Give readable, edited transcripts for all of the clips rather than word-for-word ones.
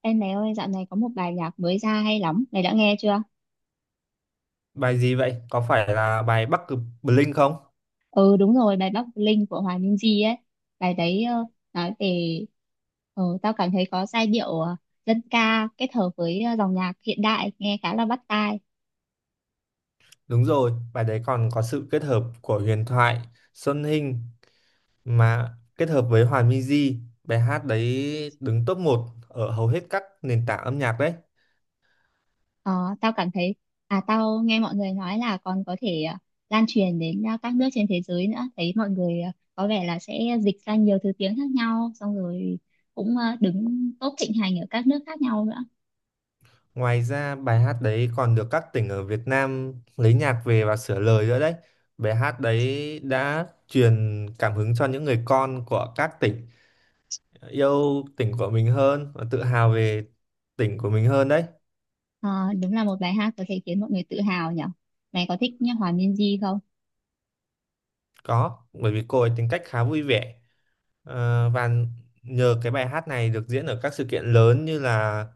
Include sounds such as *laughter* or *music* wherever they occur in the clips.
Em mẹ ơi, dạo này có một bài nhạc mới ra hay lắm, mày đã nghe chưa? Bài gì vậy? Có phải là bài Bắc Cực Blink không? Ừ đúng rồi, bài Bắc Linh của Hòa Minzy ấy. Bài đấy nói về tao cảm thấy có giai điệu dân ca kết hợp với dòng nhạc hiện đại nghe khá là bắt tai. Đúng rồi, bài đấy còn có sự kết hợp của huyền thoại Xuân Hinh mà kết hợp với Hòa Minzy. Bài hát đấy đứng top một ở hầu hết các nền tảng âm nhạc đấy. Ờ, tao cảm thấy à tao nghe mọi người nói là còn có thể lan truyền đến các nước trên thế giới nữa. Thấy mọi người có vẻ là sẽ dịch ra nhiều thứ tiếng khác nhau xong rồi cũng đứng top thịnh hành ở các nước khác nhau nữa. Ngoài ra bài hát đấy còn được các tỉnh ở Việt Nam lấy nhạc về và sửa lời nữa đấy. Bài hát đấy đã truyền cảm hứng cho những người con của các tỉnh yêu tỉnh của mình hơn và tự hào về tỉnh của mình hơn đấy. Ờ, đúng là một bài hát có thể khiến mọi người tự hào nhỉ. Mày có thích nhá, Hòa Minzy không? Có, bởi vì cô ấy tính cách khá vui vẻ. Và nhờ cái bài hát này được diễn ở các sự kiện lớn như là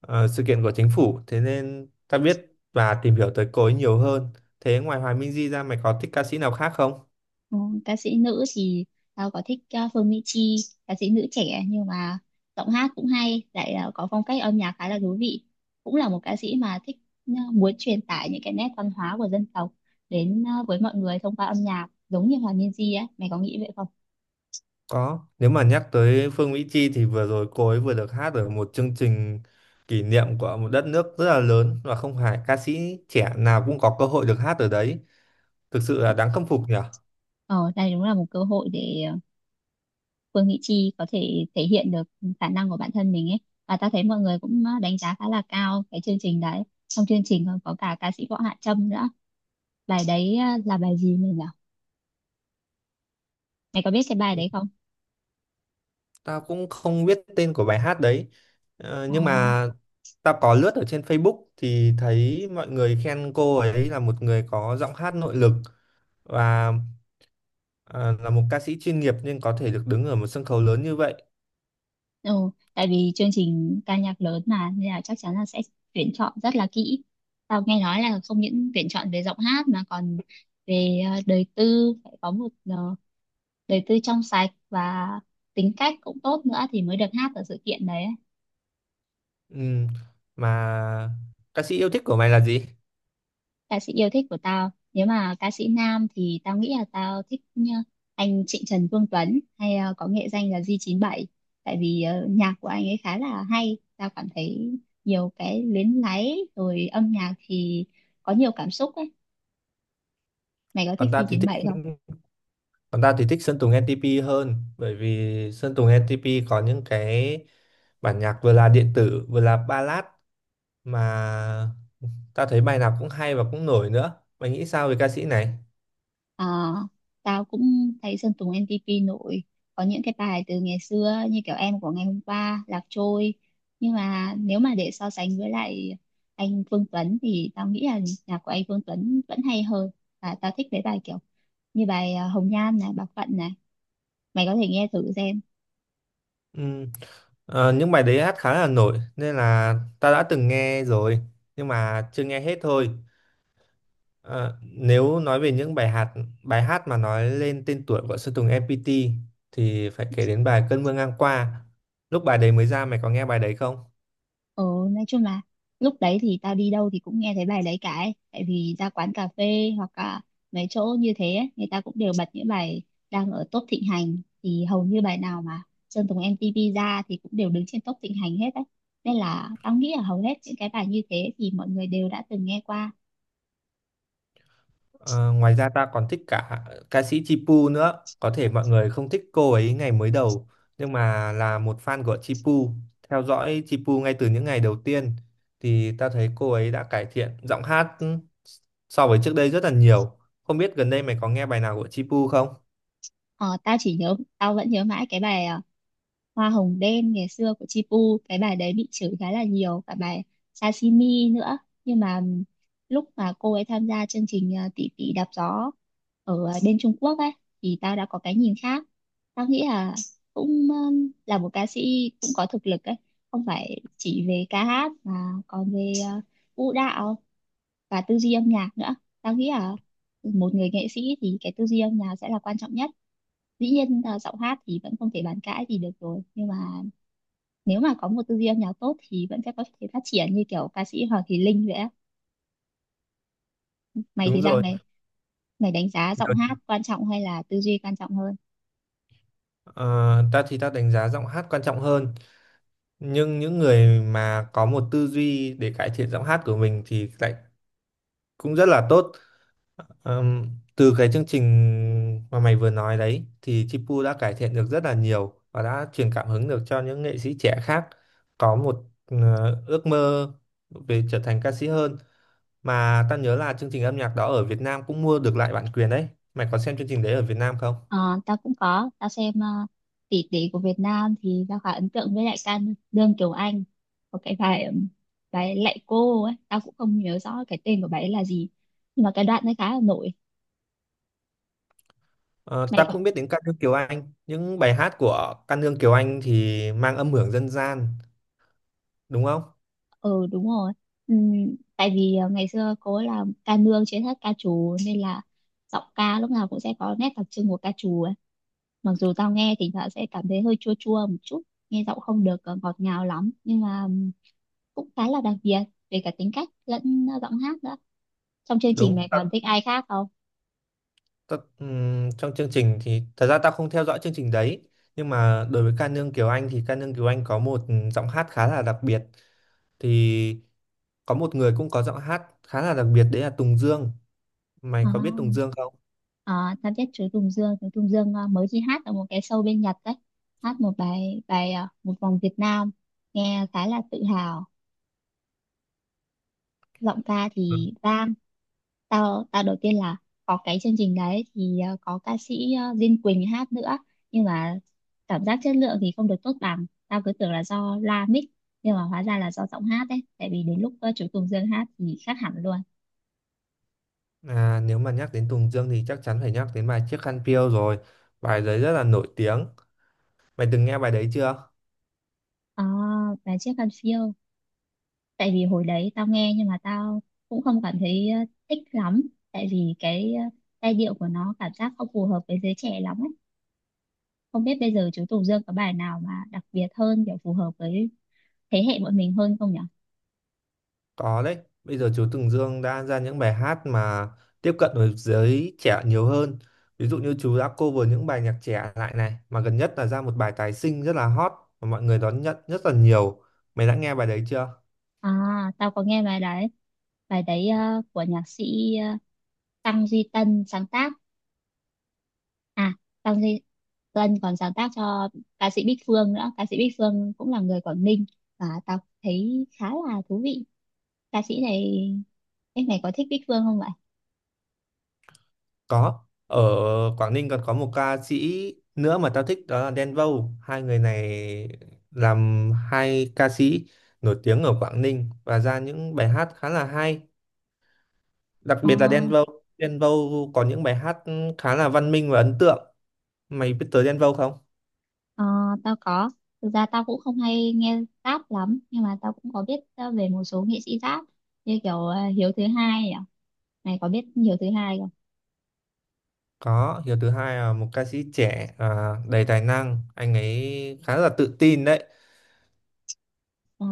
sự kiện của chính phủ, thế nên ta biết và tìm hiểu tới cô ấy nhiều hơn. Thế ngoài Hoài Minh Di ra mày có thích ca sĩ nào khác không? Ừ, ca sĩ nữ thì tao có thích Phương Mỹ Chi, ca sĩ nữ trẻ nhưng mà giọng hát cũng hay, lại có phong cách âm nhạc khá là thú vị. Cũng là một ca sĩ mà thích muốn truyền tải những cái nét văn hóa của dân tộc đến với mọi người thông qua âm nhạc, giống như Hòa Minzy ấy. Mày có nghĩ vậy không? Có, nếu mà nhắc tới Phương Mỹ Chi thì vừa rồi cô ấy vừa được hát ở một chương trình kỷ niệm của một đất nước rất là lớn, và không phải ca sĩ trẻ nào cũng có cơ hội được hát ở đấy. Thực sự là đáng khâm phục nhỉ? Ờ, đây đúng là một cơ hội để Phương Mỹ Chi có thể thể hiện được khả năng của bản thân mình ấy, và ta thấy mọi người cũng đánh giá khá là cao cái chương trình đấy. Trong chương trình còn có cả ca sĩ Võ Hạ Trâm nữa. Bài đấy là bài gì mình nhỉ, mày có biết cái bài đấy không? Tao cũng không biết tên của bài hát đấy. Ờ, Nhưng mà tao có lướt ở trên Facebook thì thấy mọi người khen cô ấy là một người có giọng hát nội lực, và ờ, là một ca sĩ chuyên nghiệp nên có thể được đứng ở một sân khấu lớn như vậy. ừ, tại vì chương trình ca nhạc lớn mà nên là chắc chắn là sẽ tuyển chọn rất là kỹ. Tao nghe nói là không những tuyển chọn về giọng hát mà còn về đời tư, phải có một đời tư trong sạch và tính cách cũng tốt nữa thì mới được hát ở sự kiện đấy. Ừm, Mà ca sĩ yêu thích của mày là gì? Ca sĩ yêu thích của tao, nếu mà ca sĩ nam thì tao nghĩ là tao thích nhá, anh Trịnh Trần Vương Tuấn, hay có nghệ danh là G97, tại vì nhạc của anh ấy khá là hay. Tao cảm thấy nhiều cái luyến láy rồi âm nhạc thì có nhiều cảm xúc ấy. Mày có thích Còn tao thì thích G97? còn tao thì thích Sơn Tùng NTP hơn, bởi vì Sơn Tùng NTP có những cái bản nhạc vừa là điện tử vừa là ballad. Mà Tao thấy bài nào cũng hay và cũng nổi nữa. Mày nghĩ sao về ca sĩ này? Ờ, tao cũng thấy Sơn Tùng M-TP nổi, có những cái bài từ ngày xưa như kiểu Em Của Ngày Hôm Qua, Lạc Trôi, nhưng mà nếu mà để so sánh với lại anh Phương Tuấn thì tao nghĩ là nhạc của anh Phương Tuấn vẫn hay hơn. Và tao thích mấy bài kiểu như bài Hồng Nhan này, Bạc Phận này, mày có thể nghe thử xem. Ừm, những bài đấy hát khá là nổi nên là tao đã từng nghe rồi, nhưng mà chưa nghe hết thôi. Ờ, Nếu nói về những bài hát mà nói lên tên tuổi của Sơn Tùng MPT thì phải kể đến bài Cơn mưa ngang qua. Lúc bài đấy mới ra mày có nghe bài đấy không? Ừ, nói chung là lúc đấy thì tao đi đâu thì cũng nghe thấy bài đấy cả ấy. Tại vì ra quán cà phê hoặc là mấy chỗ như thế ấy, người ta cũng đều bật những bài đang ở top thịnh hành, thì hầu như bài nào mà Sơn Tùng MTP ra thì cũng đều đứng trên top thịnh hành hết đấy. Nên là tao nghĩ là hầu hết những cái bài như thế thì mọi người đều đã từng nghe qua. Ờ, Ngoài ra ta còn thích cả ca sĩ Chipu nữa. Có thể mọi người không thích cô ấy ngày mới đầu, nhưng mà là một fan của Chipu, theo dõi Chipu ngay từ những ngày đầu tiên, thì ta thấy cô ấy đã cải thiện giọng hát so với trước đây rất là nhiều. Không biết gần đây mày có nghe bài nào của Chipu không? Ờ, tao chỉ nhớ, tao vẫn nhớ mãi cái bài Hoa Hồng Đen ngày xưa của Chipu, cái bài đấy bị chửi khá là nhiều, cả bài Sashimi nữa. Nhưng mà lúc mà cô ấy tham gia chương trình Tỷ Tỷ Đạp Gió ở bên Trung Quốc ấy thì tao đã có cái nhìn khác. Tao nghĩ là cũng là một ca sĩ cũng có thực lực ấy, không phải chỉ về ca hát mà còn về vũ đạo và tư duy âm nhạc nữa. Tao nghĩ là một người nghệ sĩ thì cái tư duy âm nhạc sẽ là quan trọng nhất. Dĩ nhiên giọng hát thì vẫn không thể bàn cãi gì được rồi, nhưng mà nếu mà có một tư duy âm nhạc tốt thì vẫn sẽ có thể phát triển như kiểu ca sĩ Hoàng Thùy Linh vậy á. Mày Đúng thì sao rồi. mày, mày đánh giá giọng Được. hát quan trọng hay là tư duy quan trọng hơn? Ờ, Ta thì ta đánh giá giọng hát quan trọng hơn, nhưng những người mà có một tư duy để cải thiện giọng hát của mình thì lại cũng rất là tốt. Ờm, Từ cái chương trình mà mày vừa nói đấy thì Chipu đã cải thiện được rất là nhiều và đã truyền cảm hứng được cho những nghệ sĩ trẻ khác có một ước mơ về trở thành ca sĩ hơn. Mà tao nhớ là chương trình âm nhạc đó ở Việt Nam cũng mua được lại bản quyền đấy. Mày có xem chương trình đấy ở Việt Nam không? Ờ, tao cũng có, tao xem uh, tỷ tỷ của Việt Nam thì tao khá ấn tượng với lại ca Lương Kiều Anh, có cái bài bài Lạy Cô ấy, tao cũng không nhớ rõ cái tên của bài ấy là gì, nhưng mà cái đoạn ấy khá là nổi. Ờ, Mày Tao có, cũng biết đến ca nương Kiều Anh. Những bài hát của ca nương Kiều Anh thì mang âm hưởng dân gian đúng không? ừ đúng rồi. Tại vì ngày xưa cô ấy là ca nương trên hết ca trù nên là giọng ca lúc nào cũng sẽ có nét đặc trưng của ca trù ấy. Mặc dù tao nghe thỉnh thoảng sẽ cảm thấy hơi chua chua một chút, nghe giọng không được ngọt ngào lắm, nhưng mà cũng khá là đặc biệt về cả tính cách lẫn giọng hát nữa. Trong chương trình Đúng. mày còn thích ai khác không? Trong chương trình thì thật ra tao không theo dõi chương trình đấy, nhưng mà đối với ca nương Kiều Anh thì ca nương Kiều Anh có một giọng hát khá là đặc biệt. Thì có một người cũng có giọng hát khá là đặc biệt, đấy là Tùng Dương. Mày à, có biết Tùng Dương không? Tao biết chú Tùng Dương. Chú Tùng Dương mới đi hát ở một cái show bên Nhật đấy, hát một bài, bài Một Vòng Việt Nam, nghe khá là tự hào. Giọng ca Ừ. thì bang. Tao tao đầu tiên là có cái chương trình đấy thì có ca sĩ Diên Quỳnh hát nữa, nhưng mà cảm giác chất lượng thì không được tốt bằng. Tao cứ tưởng là do loa mic, nhưng mà hóa ra là do giọng hát đấy, tại vì đến lúc chú Tùng Dương hát thì khác hẳn luôn. Nếu mà nhắc đến Tùng Dương thì chắc chắn phải nhắc đến bài Chiếc Khăn Piêu rồi. Bài đấy rất là nổi tiếng. Mày từng nghe bài đấy chưa? À, và Chiếc Khăn Phiêu, tại vì hồi đấy tao nghe nhưng mà tao cũng không cảm thấy thích lắm, tại vì cái giai điệu của nó cảm giác không phù hợp với giới trẻ lắm ấy. Không biết bây giờ chú Tùng Dương có bài nào mà đặc biệt hơn, kiểu phù hợp với thế hệ bọn mình hơn không nhỉ? Có đấy, bây giờ chú Tùng Dương đã ra những bài hát mà tiếp cận với giới trẻ nhiều hơn. Ví dụ như chú đã cover những bài nhạc trẻ lại này, mà gần nhất là ra một bài tái sinh rất là hot mà mọi người đón nhận rất là nhiều. Mày đã nghe bài đấy chưa? À, tao có nghe bài đấy. Bài đấy của nhạc sĩ ờ, Tăng Duy Tân sáng tác. À, Tăng Duy Tân còn sáng tác cho ca sĩ Bích Phương nữa. Ca sĩ Bích Phương cũng là người Quảng Ninh, và tao thấy khá là thú vị. Ca sĩ này, em này có thích Bích Phương không vậy? Có. Ở Quảng Ninh còn có một ca sĩ nữa mà tao thích, đó là Đen Vâu. Hai người này làm hai ca sĩ nổi tiếng ở Quảng Ninh và ra những bài hát khá là hay, đặc Ờ, biệt là Đen Vâu. Đen Vâu có những bài hát khá là văn minh và ấn tượng. Mày biết tới Đen Vâu không? ờ, tao có. Thực ra tao cũng không hay nghe rap lắm, nhưng mà tao cũng có biết về một số nghệ sĩ rap, như kiểu Hiếu Thứ Hai nhỉ? Mày có biết Hiếu Thứ Hai không? Có. Hiếu thứ hai là một ca sĩ trẻ đầy tài năng, anh ấy khá là tự tin đấy. Ờ,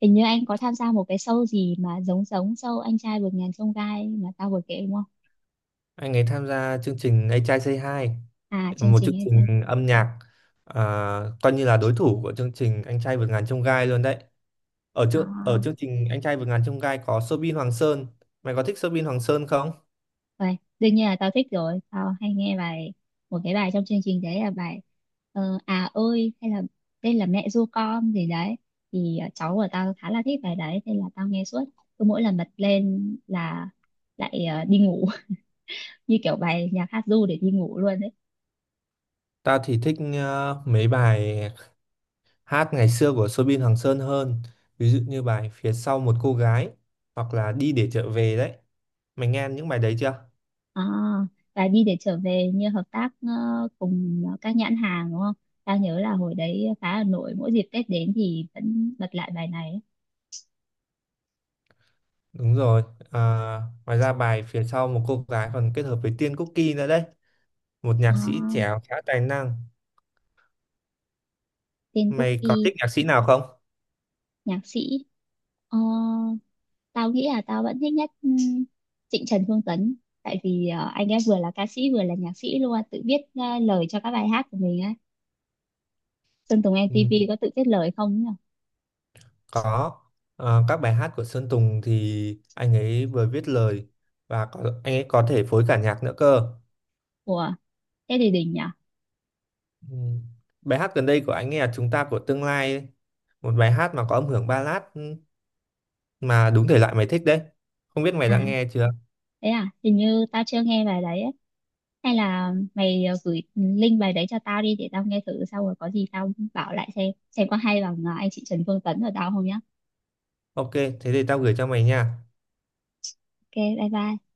hình như anh có tham gia một cái show gì mà giống giống show Anh Trai Vượt Ngàn Chông Gai mà tao vừa kể đúng không? Anh ấy tham gia chương trình A Trai Say Hi, À, chương một trình chương Anh Trai. trình âm nhạc à, coi như là đối thủ của chương trình Anh Trai Vượt Ngàn Chông Gai luôn đấy. ở À, chương ở chương trình Anh Trai Vượt Ngàn Chông Gai có Soobin Hoàng Sơn. Mày có thích Soobin Hoàng Sơn không? vậy đương nhiên là tao thích rồi. Tao hay nghe bài, một cái bài trong chương trình đấy là bài À Ơi, hay là Đây Là Mẹ Ru Con gì đấy. Thì cháu của tao khá là thích bài đấy nên là tao nghe suốt. Cứ mỗi lần bật lên là lại đi ngủ *laughs* như kiểu bài nhạc hát ru để đi ngủ luôn đấy. Tao thì thích mấy bài hát ngày xưa của Soobin Hoàng Sơn hơn, ví dụ như bài phía sau một cô gái, hoặc là đi để trở về đấy. Mày nghe những bài đấy chưa? À, và Đi Để Trở Về như hợp tác cùng các nhãn hàng đúng không? Tao nhớ là hồi đấy phá Hà Nội mỗi dịp Tết đến thì vẫn bật lại bài này ấy. Đúng rồi. à, Ngoài ra bài phía sau một cô gái còn kết hợp với Tiên Cookie nữa đấy, một À, nhạc sĩ trẻ khá tài năng. tên Mày có Cookie, thích nhạc sĩ nào không? nhạc sĩ. Ờ, tao nghĩ là tao vẫn thích nhất Trịnh Trần Phương Tấn. Tại vì anh ấy vừa là ca sĩ vừa là nhạc sĩ luôn, tự viết lời cho các bài hát của mình á. Sơn Tùng Ừ, MTP có tự viết lời không nhỉ? có. Các bài hát của Sơn Tùng thì anh ấy vừa viết lời, và có, anh ấy có thể phối cả nhạc nữa cơ. Ủa, thế thì đỉnh nhỉ? Ừ. Bài hát gần đây của anh nghe là Chúng ta của tương lai ấy. Một bài hát mà có âm hưởng ballad mà đúng thể loại mày thích đấy. Không biết mày À, đã nghe chưa? thế à, hình như tao chưa nghe bài đấy ấy. Hay là mày gửi link bài đấy cho tao đi để tao nghe thử xong rồi có gì tao bảo lại xem có hay bằng anh chị Trần Phương Tấn ở tao không nhá. Ok, thế thì tao gửi cho mày nha. Ok, bye bye.